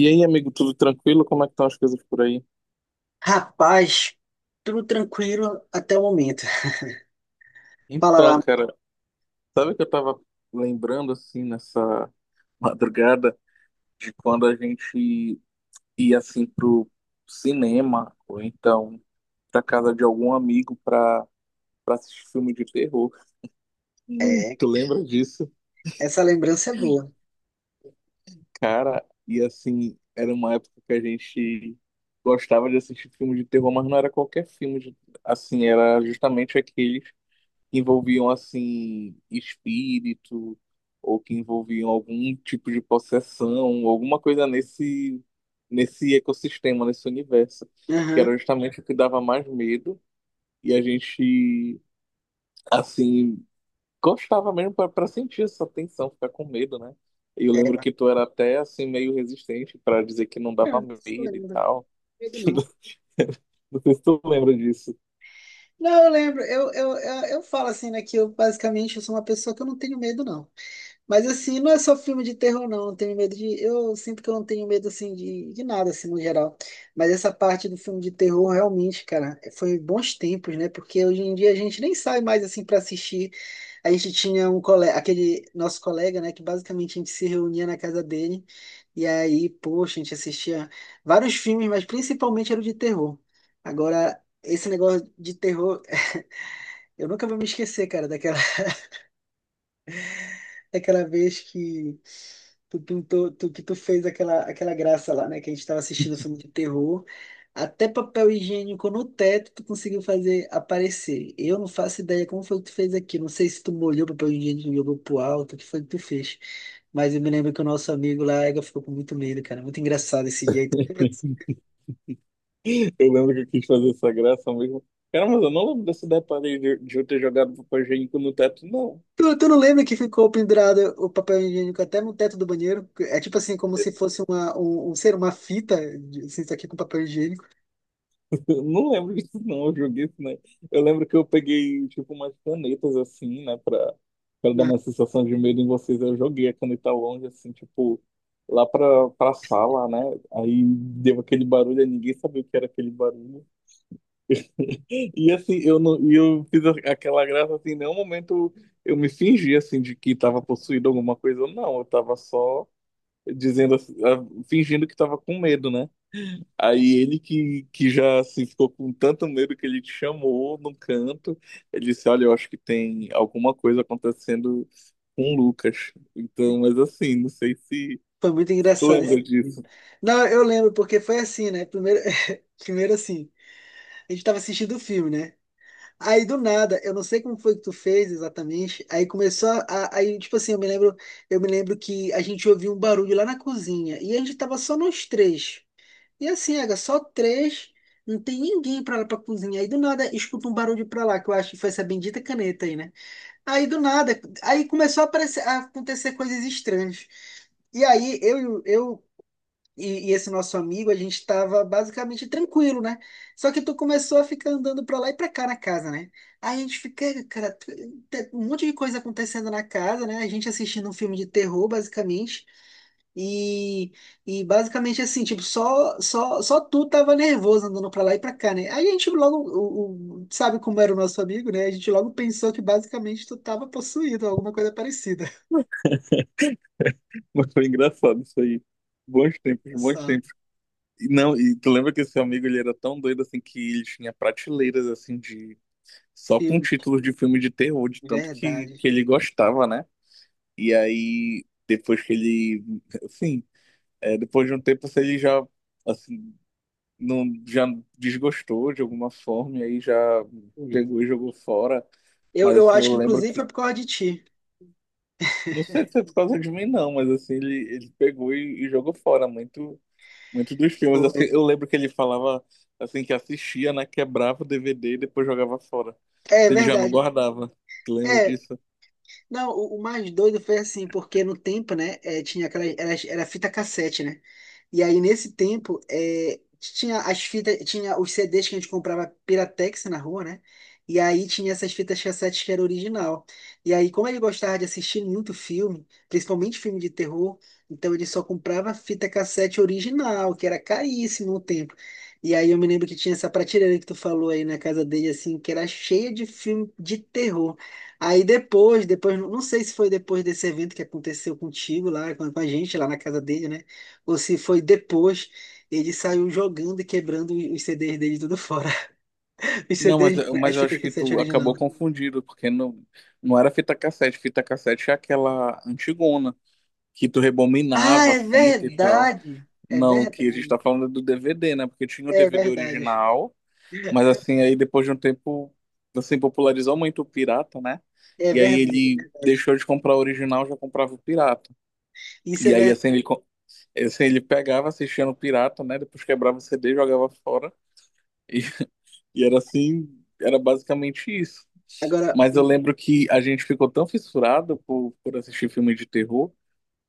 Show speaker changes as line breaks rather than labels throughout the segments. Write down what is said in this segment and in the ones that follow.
E aí, amigo, tudo tranquilo? Como é que estão as coisas por aí?
Rapaz, tudo tranquilo até o momento. Fala
Então,
lá.
cara, sabe que eu tava lembrando assim nessa madrugada de quando a gente ia assim pro cinema ou então pra casa de algum amigo pra assistir filme de terror. Ih,
É,
tu lembra disso?
essa lembrança é boa.
Cara, e assim, era uma época que a gente gostava de assistir filme de terror, mas não era qualquer assim, era justamente aqueles que envolviam assim espírito ou que envolviam algum tipo de possessão, alguma coisa nesse ecossistema, nesse universo, que era
Aham.
justamente o que dava mais medo e a gente assim gostava mesmo para sentir essa tensão, ficar com medo, né? Eu lembro que tu era até assim meio resistente para dizer que não dava
Isso eu
medo e
lembro.
tal.
Medo não.
Não sei se tu lembra disso.
Não, eu lembro. Eu falo assim, né, que eu basicamente eu sou uma pessoa que eu não tenho medo, não. Mas assim, não é só filme de terror, não. Não tenho medo de. Eu sinto que eu não tenho medo assim de nada, assim, no geral. Mas essa parte do filme de terror, realmente, cara, foi bons tempos, né? Porque hoje em dia a gente nem sai mais assim para assistir. A gente tinha um colega, aquele nosso colega, né? Que basicamente a gente se reunia na casa dele. E aí, poxa, a gente assistia vários filmes, mas principalmente era o de terror. Agora, esse negócio de terror, eu nunca vou me esquecer, cara, daquela. Aquela vez que tu fez aquela graça lá, né? Que a gente tava assistindo filme de terror. Até papel higiênico no teto tu conseguiu fazer aparecer. Eu não faço ideia como foi que tu fez aqui. Não sei se tu molhou papel higiênico e jogou pro alto, o que foi que tu fez. Mas eu me lembro que o nosso amigo lá, Ega, ficou com muito medo, cara. Muito engraçado esse jeito.
Eu lembro que eu quis fazer essa graça mesmo. Cara, mas eu não lembro desse detalhe de eu ter jogado papel higiênico no teto, não.
Tu não lembra que ficou pendurado o papel higiênico até no teto do banheiro? É tipo assim, como se fosse uma, um ser, uma fita, assim, isso aqui com papel higiênico.
Eu não lembro disso, não. Eu joguei isso, né? Eu lembro que eu peguei, tipo, umas canetas, assim, né? Pra dar
Né?
uma sensação de medo em vocês. Eu joguei a caneta longe, assim, tipo, lá pra sala, né? Aí deu aquele barulho, aí ninguém sabia o que era aquele barulho. E, assim, eu não, e eu aquela graça, assim, em nenhum momento eu me fingi, assim, de que tava possuído alguma coisa. Não, eu tava só dizendo, assim, ah, fingindo que tava com medo, né? Aí ele que já assim, ficou com tanto medo que ele te chamou num canto. Ele disse: "Olha, eu acho que tem alguma coisa acontecendo com o Lucas." Então, mas assim, não sei
Foi muito
se tu
engraçado esse
lembra
vídeo.
disso,
Não, eu lembro, porque foi assim, né? Primeiro, primeiro assim, a gente tava assistindo o filme, né? Aí do nada, eu não sei como foi que tu fez exatamente. Aí começou aí tipo assim, eu me lembro que a gente ouviu um barulho lá na cozinha e a gente tava só nós três. E assim, Aga, só três, não tem ninguém pra lá pra cozinha. Aí do nada, escuta um barulho pra lá, que eu acho que foi essa bendita caneta aí, né? Aí do nada, aí começou a aparecer, a acontecer coisas estranhas. E aí eu e esse nosso amigo, a gente estava basicamente tranquilo, né? Só que tu começou a ficar andando pra lá e pra cá na casa, né? Aí a gente fica, "Ei, cara, um monte de coisa acontecendo na casa, né? A gente assistindo um filme de terror, basicamente. E, e basicamente assim, tipo, só tu tava nervoso andando pra lá e pra cá, né? Aí a gente logo, sabe como era o nosso amigo, né? A gente logo pensou que basicamente tu tava possuído, alguma coisa parecida.
mas foi engraçado isso aí. Bons tempos, bons
Essa
tempos. E não, e tu lembra que esse amigo ele era tão doido assim que ele tinha prateleiras assim de só com
filme,
títulos de filme de terror, de tanto que,
verdade.
que ele gostava, né? E aí, depois que ele, assim, é, depois de um tempo, se ele já, assim, não, já desgostou de alguma forma, e aí já
Ui.
pegou e jogou fora.
Eu,
Mas,
eu
assim,
acho
eu
que
lembro
inclusive
que,
foi por causa de ti.
não sei se é por causa de mim, não, mas, assim, ele pegou e jogou fora muito, muito dos filmes. Assim,
Foi.
eu lembro que ele falava, assim, que assistia, né, quebrava o DVD e depois jogava fora.
É
Se ele já não
verdade.
guardava. Tu lembra
É,
disso?
não, o mais doido foi assim, porque no tempo, né, tinha aquela, era fita cassete, né? E aí nesse tempo, tinha as fitas, tinha os CDs que a gente comprava Piratex na rua, né? E aí tinha essas fitas cassetes que era original. E aí, como ele gostava de assistir muito filme, principalmente filme de terror, então ele só comprava fita cassete original, que era caríssimo no tempo. E aí eu me lembro que tinha essa prateleira que tu falou aí na casa dele, assim, que era cheia de filme de terror. Aí depois, não sei se foi depois desse evento que aconteceu contigo lá, com a gente lá na casa dele, né? Ou se foi depois, ele saiu jogando e quebrando os CDs dele tudo fora. Os
Não, mas,
CDs, as
mas eu
fitas
acho que
cassete
tu
original.
acabou confundido, porque não, não era fita cassete. Fita cassete é aquela antigona, que tu
Ah,
rebobinava a
é
fita e tal.
verdade! É
Não, o que a gente tá
verdade.
falando é do DVD, né? Porque tinha o
É
DVD
verdade.
original, mas assim, aí depois de um tempo, assim, popularizou muito o pirata, né?
É
E aí
verdade, é
ele
verdade.
deixou de comprar o original, já comprava o pirata.
Isso
E
é
aí,
verdade.
assim, assim, ele pegava, assistia no pirata, né? Depois quebrava o CD, jogava fora. E, e era assim, era basicamente isso.
Agora,
Mas eu lembro que a gente ficou tão fissurado por assistir filmes de terror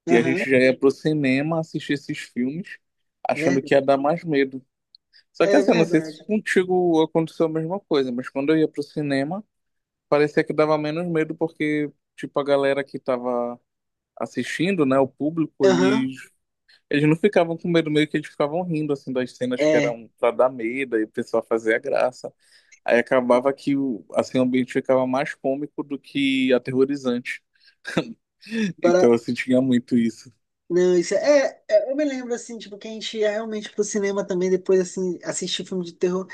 que a
aham,
gente já ia pro cinema assistir esses filmes achando que
verdade.
ia dar mais medo. Só que
É
assim, eu não sei se
verdade.
contigo aconteceu a mesma coisa, mas quando eu ia pro cinema, parecia que dava menos medo porque, tipo, a galera que tava assistindo, né, o público,
Aham,
eles não ficavam com medo, meio que eles ficavam rindo, assim, das cenas que
é.
eram pra dar medo e o pessoal fazia graça. Aí acabava que o, assim, o ambiente ficava mais cômico do que aterrorizante. Então
Agora
assim tinha muito isso.
não, isso eu me lembro, assim, tipo, que a gente ia realmente pro cinema também, depois, assim, assistir filme de terror.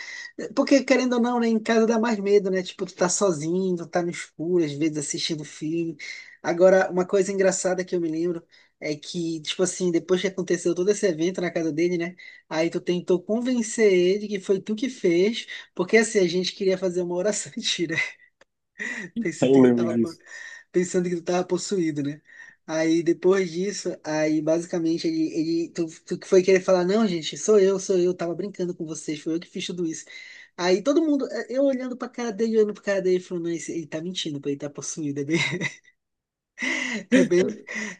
Porque, querendo ou não, né, em casa dá mais medo, né? Tipo, tu tá sozinho, tu tá no escuro, às vezes assistindo filme. Agora, uma coisa engraçada que eu me lembro é que, tipo assim, depois que aconteceu todo esse evento na casa dele, né? Aí tu tentou convencer ele que foi tu que fez, porque, assim, a gente queria fazer uma oração pensando que
Eu
ele
lembro
tava,
disso.
pensando que ele tava possuído, né? Aí depois disso, aí basicamente tu que foi querer falar, não, gente, sou eu, tava brincando com vocês, foi eu que fiz tudo isso. Aí todo mundo, eu olhando pra cara dele, olhando pra cara dele, falando, não, ele tá mentindo, pô, ele tá possuído, é bem,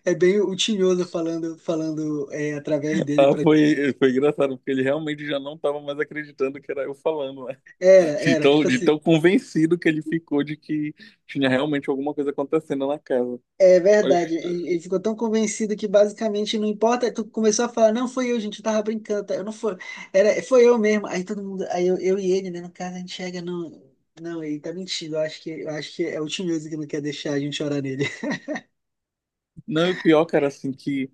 é bem o Tinhoso falando, falando através dele
Ah,
pra...
foi, foi engraçado, porque ele realmente já não estava mais acreditando que era eu falando, né?
Era, era, tipo
De
assim.
tão convencido que ele ficou de que tinha realmente alguma coisa acontecendo na casa.
É
Mas,
verdade, ele ficou tão convencido que basicamente não importa, tu começou a falar, não foi eu, gente, eu tava brincando, tá? eu não foi, era, foi eu mesmo, aí todo mundo, aí eu e ele, né, no caso, a gente chega, não, não, ele tá mentindo, eu acho que é o Tinhoso que não quer deixar a gente chorar nele.
não, e o pior, cara, assim,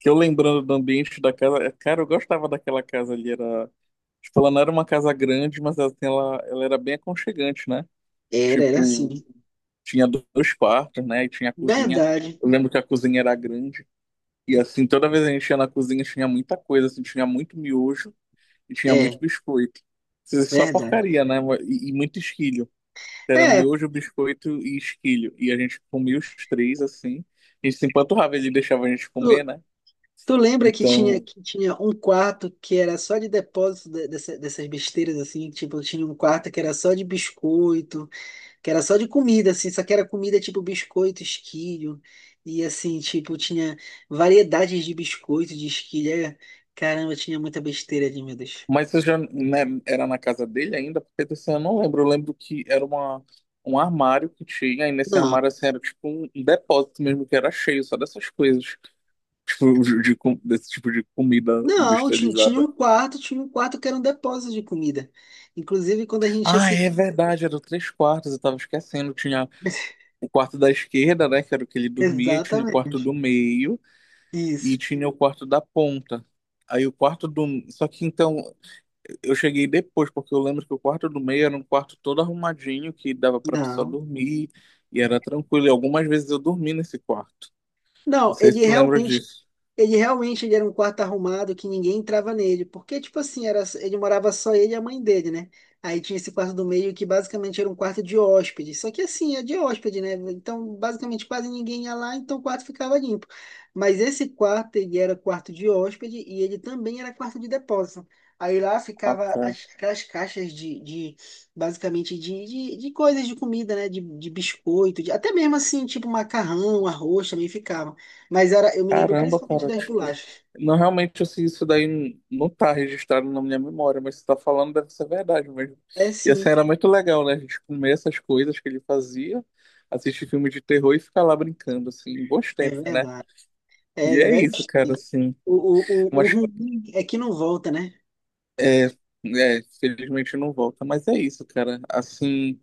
que eu lembrando do ambiente da casa, é, cara, eu gostava daquela casa ali, era, tipo, ela não era uma casa grande, mas assim, ela era bem aconchegante, né?
Era, era
Tipo,
assim,
tinha dois quartos, né? E tinha a cozinha.
verdade,
Eu lembro que a cozinha era grande. E assim, toda vez que a gente ia na cozinha, tinha muita coisa, assim, tinha muito miojo e tinha muito
é,
biscoito. Isso é só
verdade.
porcaria, né? E muito esquilho. Era
É,
miojo, biscoito e esquilho. E a gente comia os três, assim. A gente se empanturrava, ele deixava a gente comer,
tu,
né?
tu lembra
Então,
que tinha um quarto que era só de depósito dessas besteiras, assim, tipo, tinha um quarto que era só de biscoito, que era só de comida, assim, só que era comida tipo biscoito, esquilho, e assim, tipo, tinha variedades de biscoito, de esquilho, é, caramba, tinha muita besteira ali, meu Deus.
mas você já, né, era na casa dele ainda? Porque desse eu não lembro. Eu lembro que era uma, um armário que tinha, e nesse
Não,
armário assim, era tipo um depósito mesmo, que era cheio só dessas coisas. Tipo, desse tipo de comida
não, ti- tinha
industrializada.
um quarto, tinha um quarto que era um depósito de comida, inclusive quando a gente
Ah,
assistia,
é verdade, eram três quartos, eu tava esquecendo. Tinha o quarto da esquerda, né, que era o que ele dormia, e tinha o quarto
exatamente,
do meio, e
isso,
tinha o quarto da ponta. Aí o quarto do. Só que então. Eu cheguei depois, porque eu lembro que o quarto do meio era um quarto todo arrumadinho, que dava pra pessoa
não,
dormir, e era tranquilo. E algumas vezes eu dormi nesse quarto. Não
não,
sei se
ele
tu lembra
realmente
disso.
ele realmente ele era um quarto arrumado que ninguém entrava nele, porque, tipo assim, era, ele morava só ele e a mãe dele, né? Aí tinha esse quarto do meio que basicamente era um quarto de hóspede, só que assim, é de hóspede, né? Então, basicamente quase ninguém ia lá, então o quarto ficava limpo. Mas esse quarto, ele era quarto de hóspede e ele também era quarto de depósito. Aí lá
Ah,
ficava
cara.
as, aquelas caixas de basicamente, de coisas de comida, né? De biscoito, até mesmo assim, tipo macarrão, arroz também ficava. Mas era, eu me lembro
Caramba,
principalmente
cara,
das
tipo.
bolachas.
Não, realmente, assim, isso daí não tá registrado na minha memória, mas você tá falando deve ser verdade mesmo.
É
E assim,
sim,
era muito legal, né? A gente comer essas coisas que ele fazia, assistir filme de terror e ficar lá brincando, assim, bons
é
tempos, né?
verdade. É,
E
é
é
velho,
isso, cara, assim.
o
Umas
ruim é que não volta, né?
é, é, felizmente não volta, mas é isso, cara. Assim,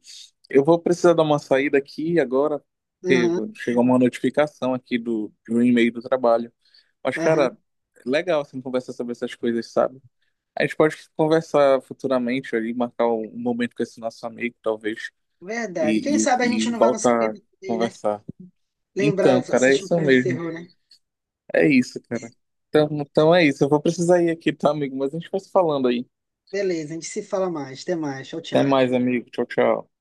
eu vou precisar dar uma saída aqui agora, porque
Aham,
chegou uma notificação aqui de um e-mail do trabalho. Mas, cara,
aham.
é legal assim conversar sobre essas coisas, sabe? A gente pode conversar futuramente ali, marcar um momento com esse nosso amigo, talvez,
Verdade. Quem
e,
sabe a
e, e
gente não vai no
voltar a
cinema também, né?
conversar.
Lembrar,
Então, cara, é
assistir um
isso
filme de
mesmo.
terror, né?
É isso, cara. Então, então é isso. Eu vou precisar ir aqui, tá, amigo? Mas a gente vai se falando aí.
Beleza, a gente se fala mais. Até mais. Tchau,
Até
tchau.
mais, amigo. Tchau, tchau.